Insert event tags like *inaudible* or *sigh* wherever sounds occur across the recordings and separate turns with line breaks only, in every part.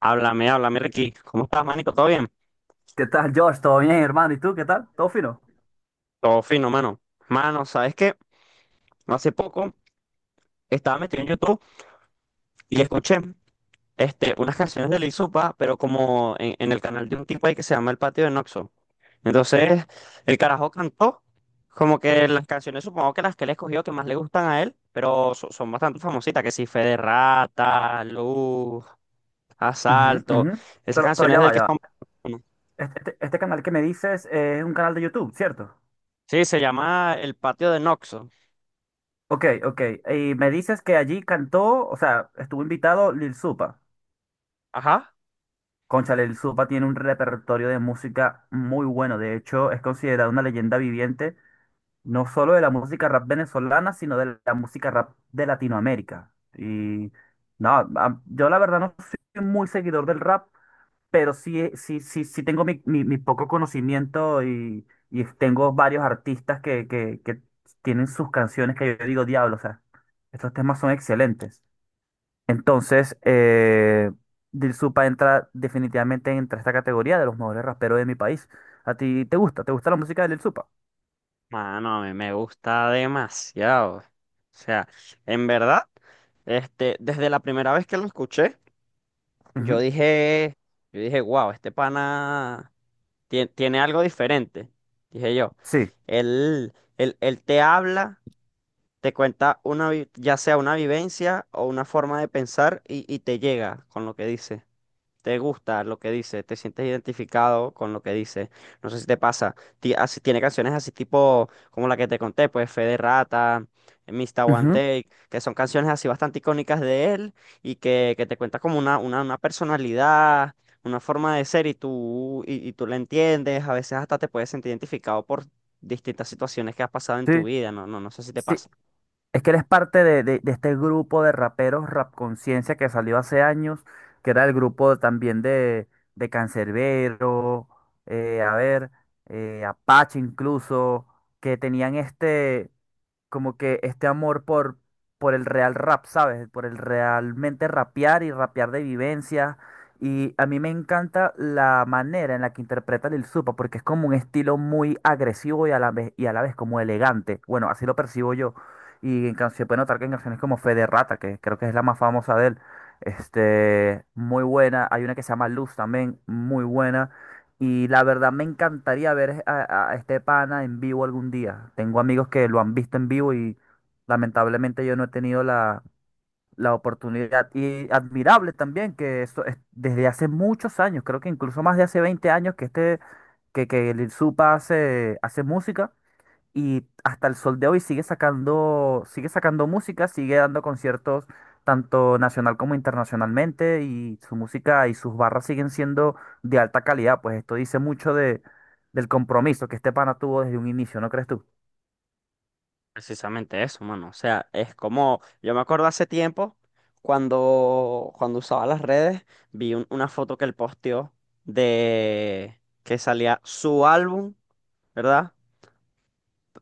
Háblame, háblame, Ricky. ¿Cómo estás, manico? ¿Todo bien?
¿Qué tal, Josh? ¿Todo bien, hermano? ¿Y tú? ¿Qué tal? ¿Todo fino?
Todo fino, mano. Mano, ¿sabes qué? No, hace poco estaba metido en YouTube y escuché unas canciones de Lil Supa, pero como en el canal de un tipo ahí que se llama El Patio de Noxo. Entonces, el carajo cantó como que las canciones, supongo que las que él escogió que más le gustan a él, pero son bastante famositas, que sí, Fe de Rata, Luz,
Ujú,
Asalto,
ujú.
esas
Pero,
canciones
ya
del
va,
que
ya
son...
va.
¿no?
Este canal que me dices es un canal de YouTube, ¿cierto?
Sí, se llama El Patio de Noxo.
Ok, ok. Y me dices que allí cantó, o sea, estuvo invitado Lil Supa.
Ajá.
Cónchale, Lil Supa tiene un repertorio de música muy bueno. De hecho, es considerado una leyenda viviente, no solo de la música rap venezolana, sino de la música rap de Latinoamérica. Y no, yo la verdad no soy muy seguidor del rap, pero sí, sí, sí, sí tengo mi, mi poco conocimiento y tengo varios artistas que, que tienen sus canciones que yo digo, diablo, o sea, estos temas son excelentes. Entonces, Dil Supa entra definitivamente entre esta categoría de los mejores raperos de mi país. ¿A ti te gusta? ¿Te gusta la música de Dil Supa?
Mano, a mí me gusta demasiado. O sea, en verdad, desde la primera vez que lo escuché, yo
Ujú,
dije, yo dije, wow, este pana tiene, algo diferente. Dije yo.
sí.
Él, él te habla, te cuenta una, ya sea una vivencia o una forma de pensar y te llega con lo que dice. Te gusta lo que dice, te sientes identificado con lo que dice. No sé si te pasa. Tiene canciones así tipo como la que te conté, pues Fe de Rata, Mr. One
Ujú,
Take, que son canciones así bastante icónicas de él y que te cuenta como una personalidad, una forma de ser y tú, y tú la entiendes. A veces hasta te puedes sentir identificado por distintas situaciones que has pasado en tu
sí.
vida. No sé si te
Sí,
pasa.
es que él es parte de, de este grupo de raperos Rap Conciencia que salió hace años, que era el grupo también de Canserbero, a ver, Apache incluso, que tenían este como que este amor por el real rap, ¿sabes? Por el realmente rapear y rapear de vivencias. Y a mí me encanta la manera en la que interpreta Lil Supa, porque es como un estilo muy agresivo y a la vez como elegante. Bueno, así lo percibo yo. Y en canciones, puede notar que en canciones como Fe de Rata, que creo que es la más famosa de él, muy buena. Hay una que se llama Luz también, muy buena. Y la verdad me encantaría ver a este pana en vivo algún día. Tengo amigos que lo han visto en vivo y lamentablemente yo no he tenido la oportunidad. Y admirable también que eso es desde hace muchos años, creo que incluso más de hace 20 años que que Lil Supa hace, hace música y hasta el sol de hoy sigue sacando música, sigue dando conciertos tanto nacional como internacionalmente y su música y sus barras siguen siendo de alta calidad, pues esto dice mucho del compromiso que este pana tuvo desde un inicio, ¿no crees tú?
Precisamente eso, mano. O sea, es como, yo me acuerdo hace tiempo, cuando usaba las redes, vi una foto que él posteó de que salía su álbum, ¿verdad?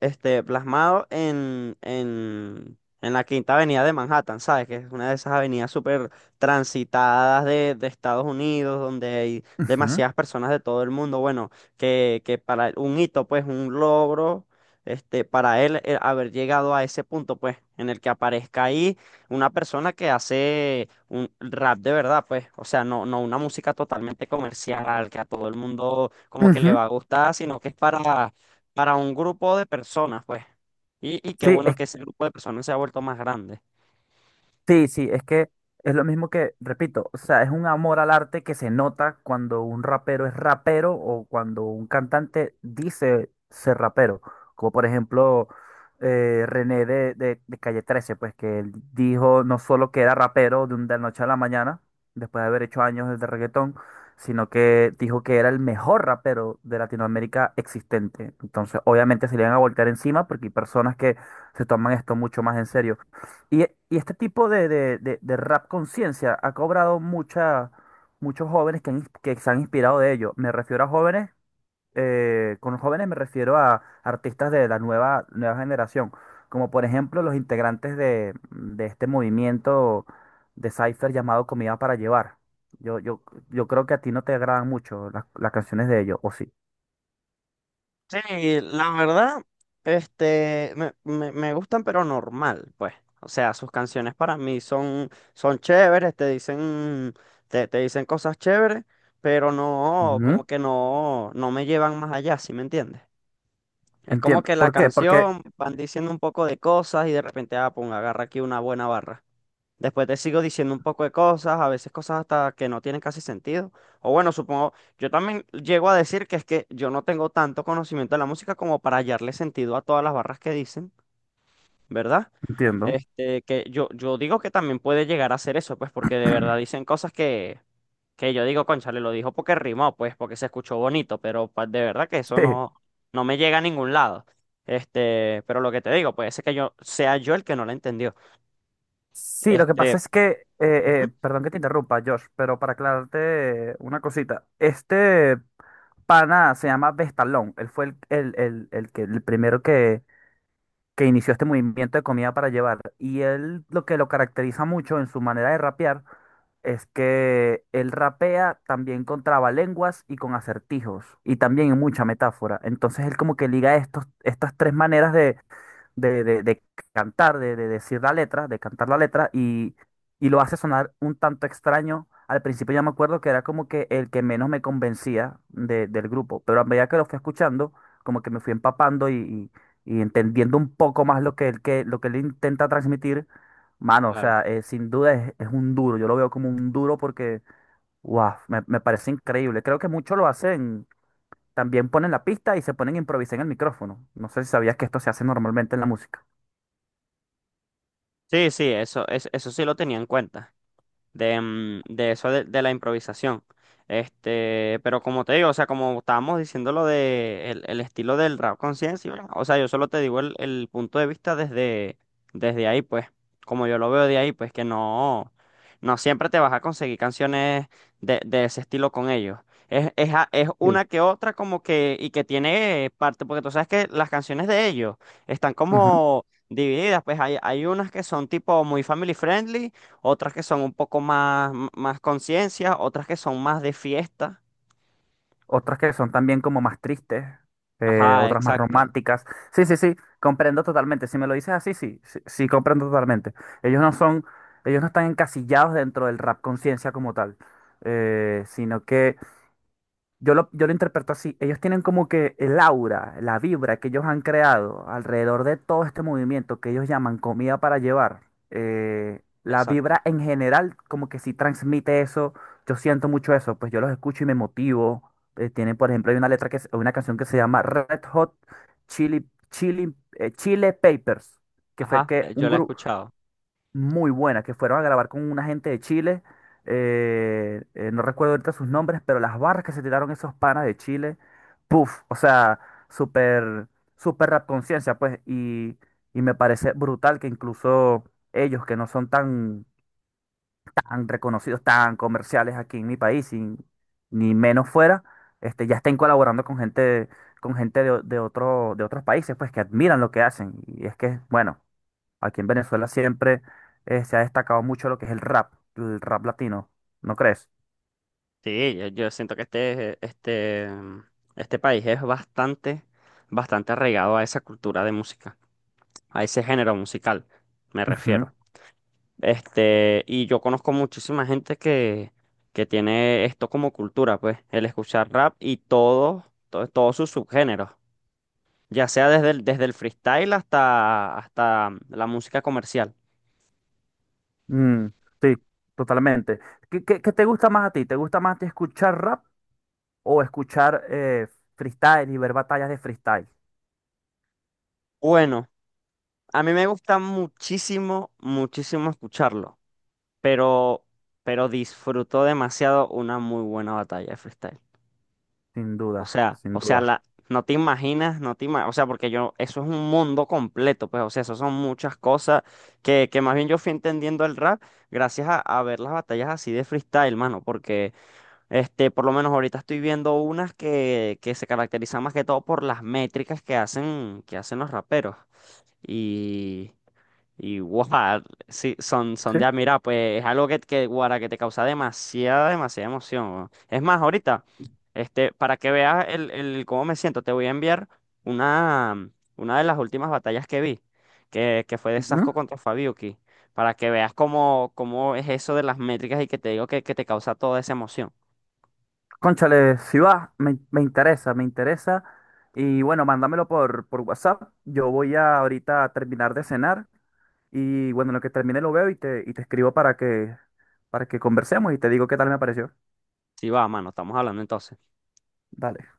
Plasmado en la Quinta Avenida de Manhattan, ¿sabes? Que es una de esas avenidas súper transitadas de Estados Unidos, donde hay
Ujú,
demasiadas personas de todo el mundo. Bueno, que para él un hito, pues un logro, para él haber llegado a ese punto, pues, en el que aparezca ahí una persona que hace un rap de verdad, pues, o sea, no, no una música totalmente comercial que a todo el mundo como que le
ujú.
va a gustar, sino que es para un grupo de personas, pues. Y qué
Sí,
bueno
es
que ese grupo de personas se ha vuelto más grande.
Sí, sí, es que es lo mismo que, repito, o sea, es un amor al arte que se nota cuando un rapero es rapero o cuando un cantante dice ser rapero. Como por ejemplo René de, de Calle 13, pues que él dijo no solo que era rapero de la noche a la mañana, después de haber hecho años de reggaetón, sino que dijo que era el mejor rapero de Latinoamérica existente. Entonces, obviamente se le van a voltear encima porque hay personas que se toman esto mucho más en serio. Y, y este tipo de rap conciencia ha cobrado muchos jóvenes que se han inspirado de ello. Me refiero a jóvenes, con jóvenes me refiero a artistas de la nueva generación, como por ejemplo los integrantes de este movimiento de Cypher llamado Comida para Llevar. Yo, yo, yo creo que a ti no te agradan mucho las canciones de ellos, ¿o sí?
Sí, la verdad, me gustan, pero normal, pues. O sea, sus canciones para mí son, son chéveres, te dicen, te dicen cosas chéveres, pero no, como
Ujú.
que no, no me llevan más allá, ¿sí me entiendes? Es como
Entiendo.
que la
¿Por qué? Porque
canción van diciendo un poco de cosas y de repente, ah, pum, agarra aquí una buena barra. Después te sigo diciendo un poco de cosas, a veces cosas hasta que no tienen casi sentido. O bueno, supongo, yo también llego a decir que es que yo no tengo tanto conocimiento de la música como para hallarle sentido a todas las barras que dicen, ¿verdad?
entiendo.
Yo digo que también puede llegar a ser eso, pues porque de verdad dicen cosas que yo digo, cónchale, lo dijo porque rimó, pues porque se escuchó bonito, pero de verdad que eso
*laughs*
no, no me llega a ningún lado. Pero lo que te digo, puede ser que yo sea yo el que no la entendió.
Sí, lo que pasa
Este,
es que,
Ujú,
perdón que te interrumpa, Josh, pero para aclararte una cosita, este pana se llama Vestalón, él fue el primero que inició este movimiento de comida para llevar, y él lo que lo caracteriza mucho en su manera de rapear es que él rapea también con trabalenguas y con acertijos, y también en mucha metáfora, entonces él como que liga estas tres maneras de cantar, de decir la letra, de cantar la letra y lo hace sonar un tanto extraño. Al principio ya me acuerdo que era como que el que menos me convencía del grupo, pero a medida que lo fui escuchando, como que me fui empapando y entendiendo un poco más lo que él intenta transmitir, mano, o
claro.
sea, sin duda es un duro, yo lo veo como un duro porque, wow, me parece increíble. Creo que muchos lo hacen, también ponen la pista y se ponen a improvisar en el micrófono. No sé si sabías que esto se hace normalmente en la música.
Sí, sí, eso, eso sí lo tenía en cuenta de, de eso de la improvisación. Pero como te digo, o sea, como estábamos diciendo lo de el estilo del rap conciencia, ¿verdad? O sea, yo solo te digo el punto de vista desde ahí, pues, como yo lo veo de ahí, pues que no, no siempre te vas a conseguir canciones de ese estilo con ellos. Es, es
Sí.
una que otra como que, y que tiene parte, porque tú sabes que las canciones de ellos están
Ujú.
como divididas, pues hay unas que son tipo muy family friendly, otras que son un poco más, más conciencia, otras que son más de fiesta.
Otras que son también como más tristes,
Ajá,
otras más
exacto,
románticas. Sí, sí, sí, comprendo totalmente. Si me lo dices así, sí, sí, sí, comprendo totalmente. Ellos no son, ellos no están encasillados dentro del rap conciencia como tal, sino que yo lo interpreto así. Ellos tienen como que el aura, la vibra que ellos han creado alrededor de todo este movimiento que ellos llaman comida para llevar. La
exacto.
vibra en general como que sí transmite eso. Yo siento mucho eso. Pues yo los escucho y me motivo. Tienen, por ejemplo, hay una letra una canción que se llama Red Hot Chile Papers, que fue
Ajá,
que
yo
un
la he
grupo,
escuchado.
muy buena, que fueron a grabar con una gente de Chile. No recuerdo ahorita sus nombres, pero las barras que se tiraron esos panas de Chile, puff, o sea, súper, súper rap conciencia, pues, y me parece brutal que incluso ellos que no son tan, tan reconocidos, tan comerciales aquí en mi país, y ni menos fuera, ya estén colaborando con gente de otros países, pues, que admiran lo que hacen. Y es que, bueno. Aquí en Venezuela siempre se ha destacado mucho lo que es el rap latino, ¿no crees?
Sí, yo siento que este país es bastante, bastante arraigado a esa cultura de música, a ese género musical, me
Ujú.
refiero. Y yo conozco muchísima gente que tiene esto como cultura, pues, el escuchar rap y todo, todos sus subgéneros, ya sea desde el freestyle hasta la música comercial.
Mm, sí, totalmente. ¿Qué te gusta más a ti? ¿Te gusta más a ti escuchar rap o escuchar freestyle y ver batallas de freestyle?
Bueno, a mí me gusta muchísimo escucharlo, pero, pero disfruto demasiado una muy buena batalla de freestyle.
Sin duda, sin duda.
La, no te imaginas, o sea, porque yo, eso es un mundo completo, pues, o sea, eso son muchas cosas que más bien yo fui entendiendo el rap gracias a ver las batallas así de freestyle, mano, porque... Por lo menos ahorita estoy viendo unas que se caracterizan más que todo por las métricas que hacen los raperos. Y, y guau, *laughs* sí, son, son
¿Sí?
de admirar, pues es algo guara, que te causa demasiada, demasiada emoción, weón. Es más, ahorita, para que veas el cómo me siento, te voy a enviar una, una de las últimas batallas que vi, que fue de Sasco
Ujú.
contra Fabiuki, para que veas cómo, cómo es eso de las métricas y que te digo que te causa toda esa emoción.
Cónchale, si va, me interesa, me interesa. Y bueno, mándamelo por WhatsApp. Yo voy a ahorita terminar de cenar. Y bueno, en lo que termine lo veo y te escribo para que conversemos y te digo qué tal me pareció.
Sí, va, mano, estamos hablando entonces.
Dale.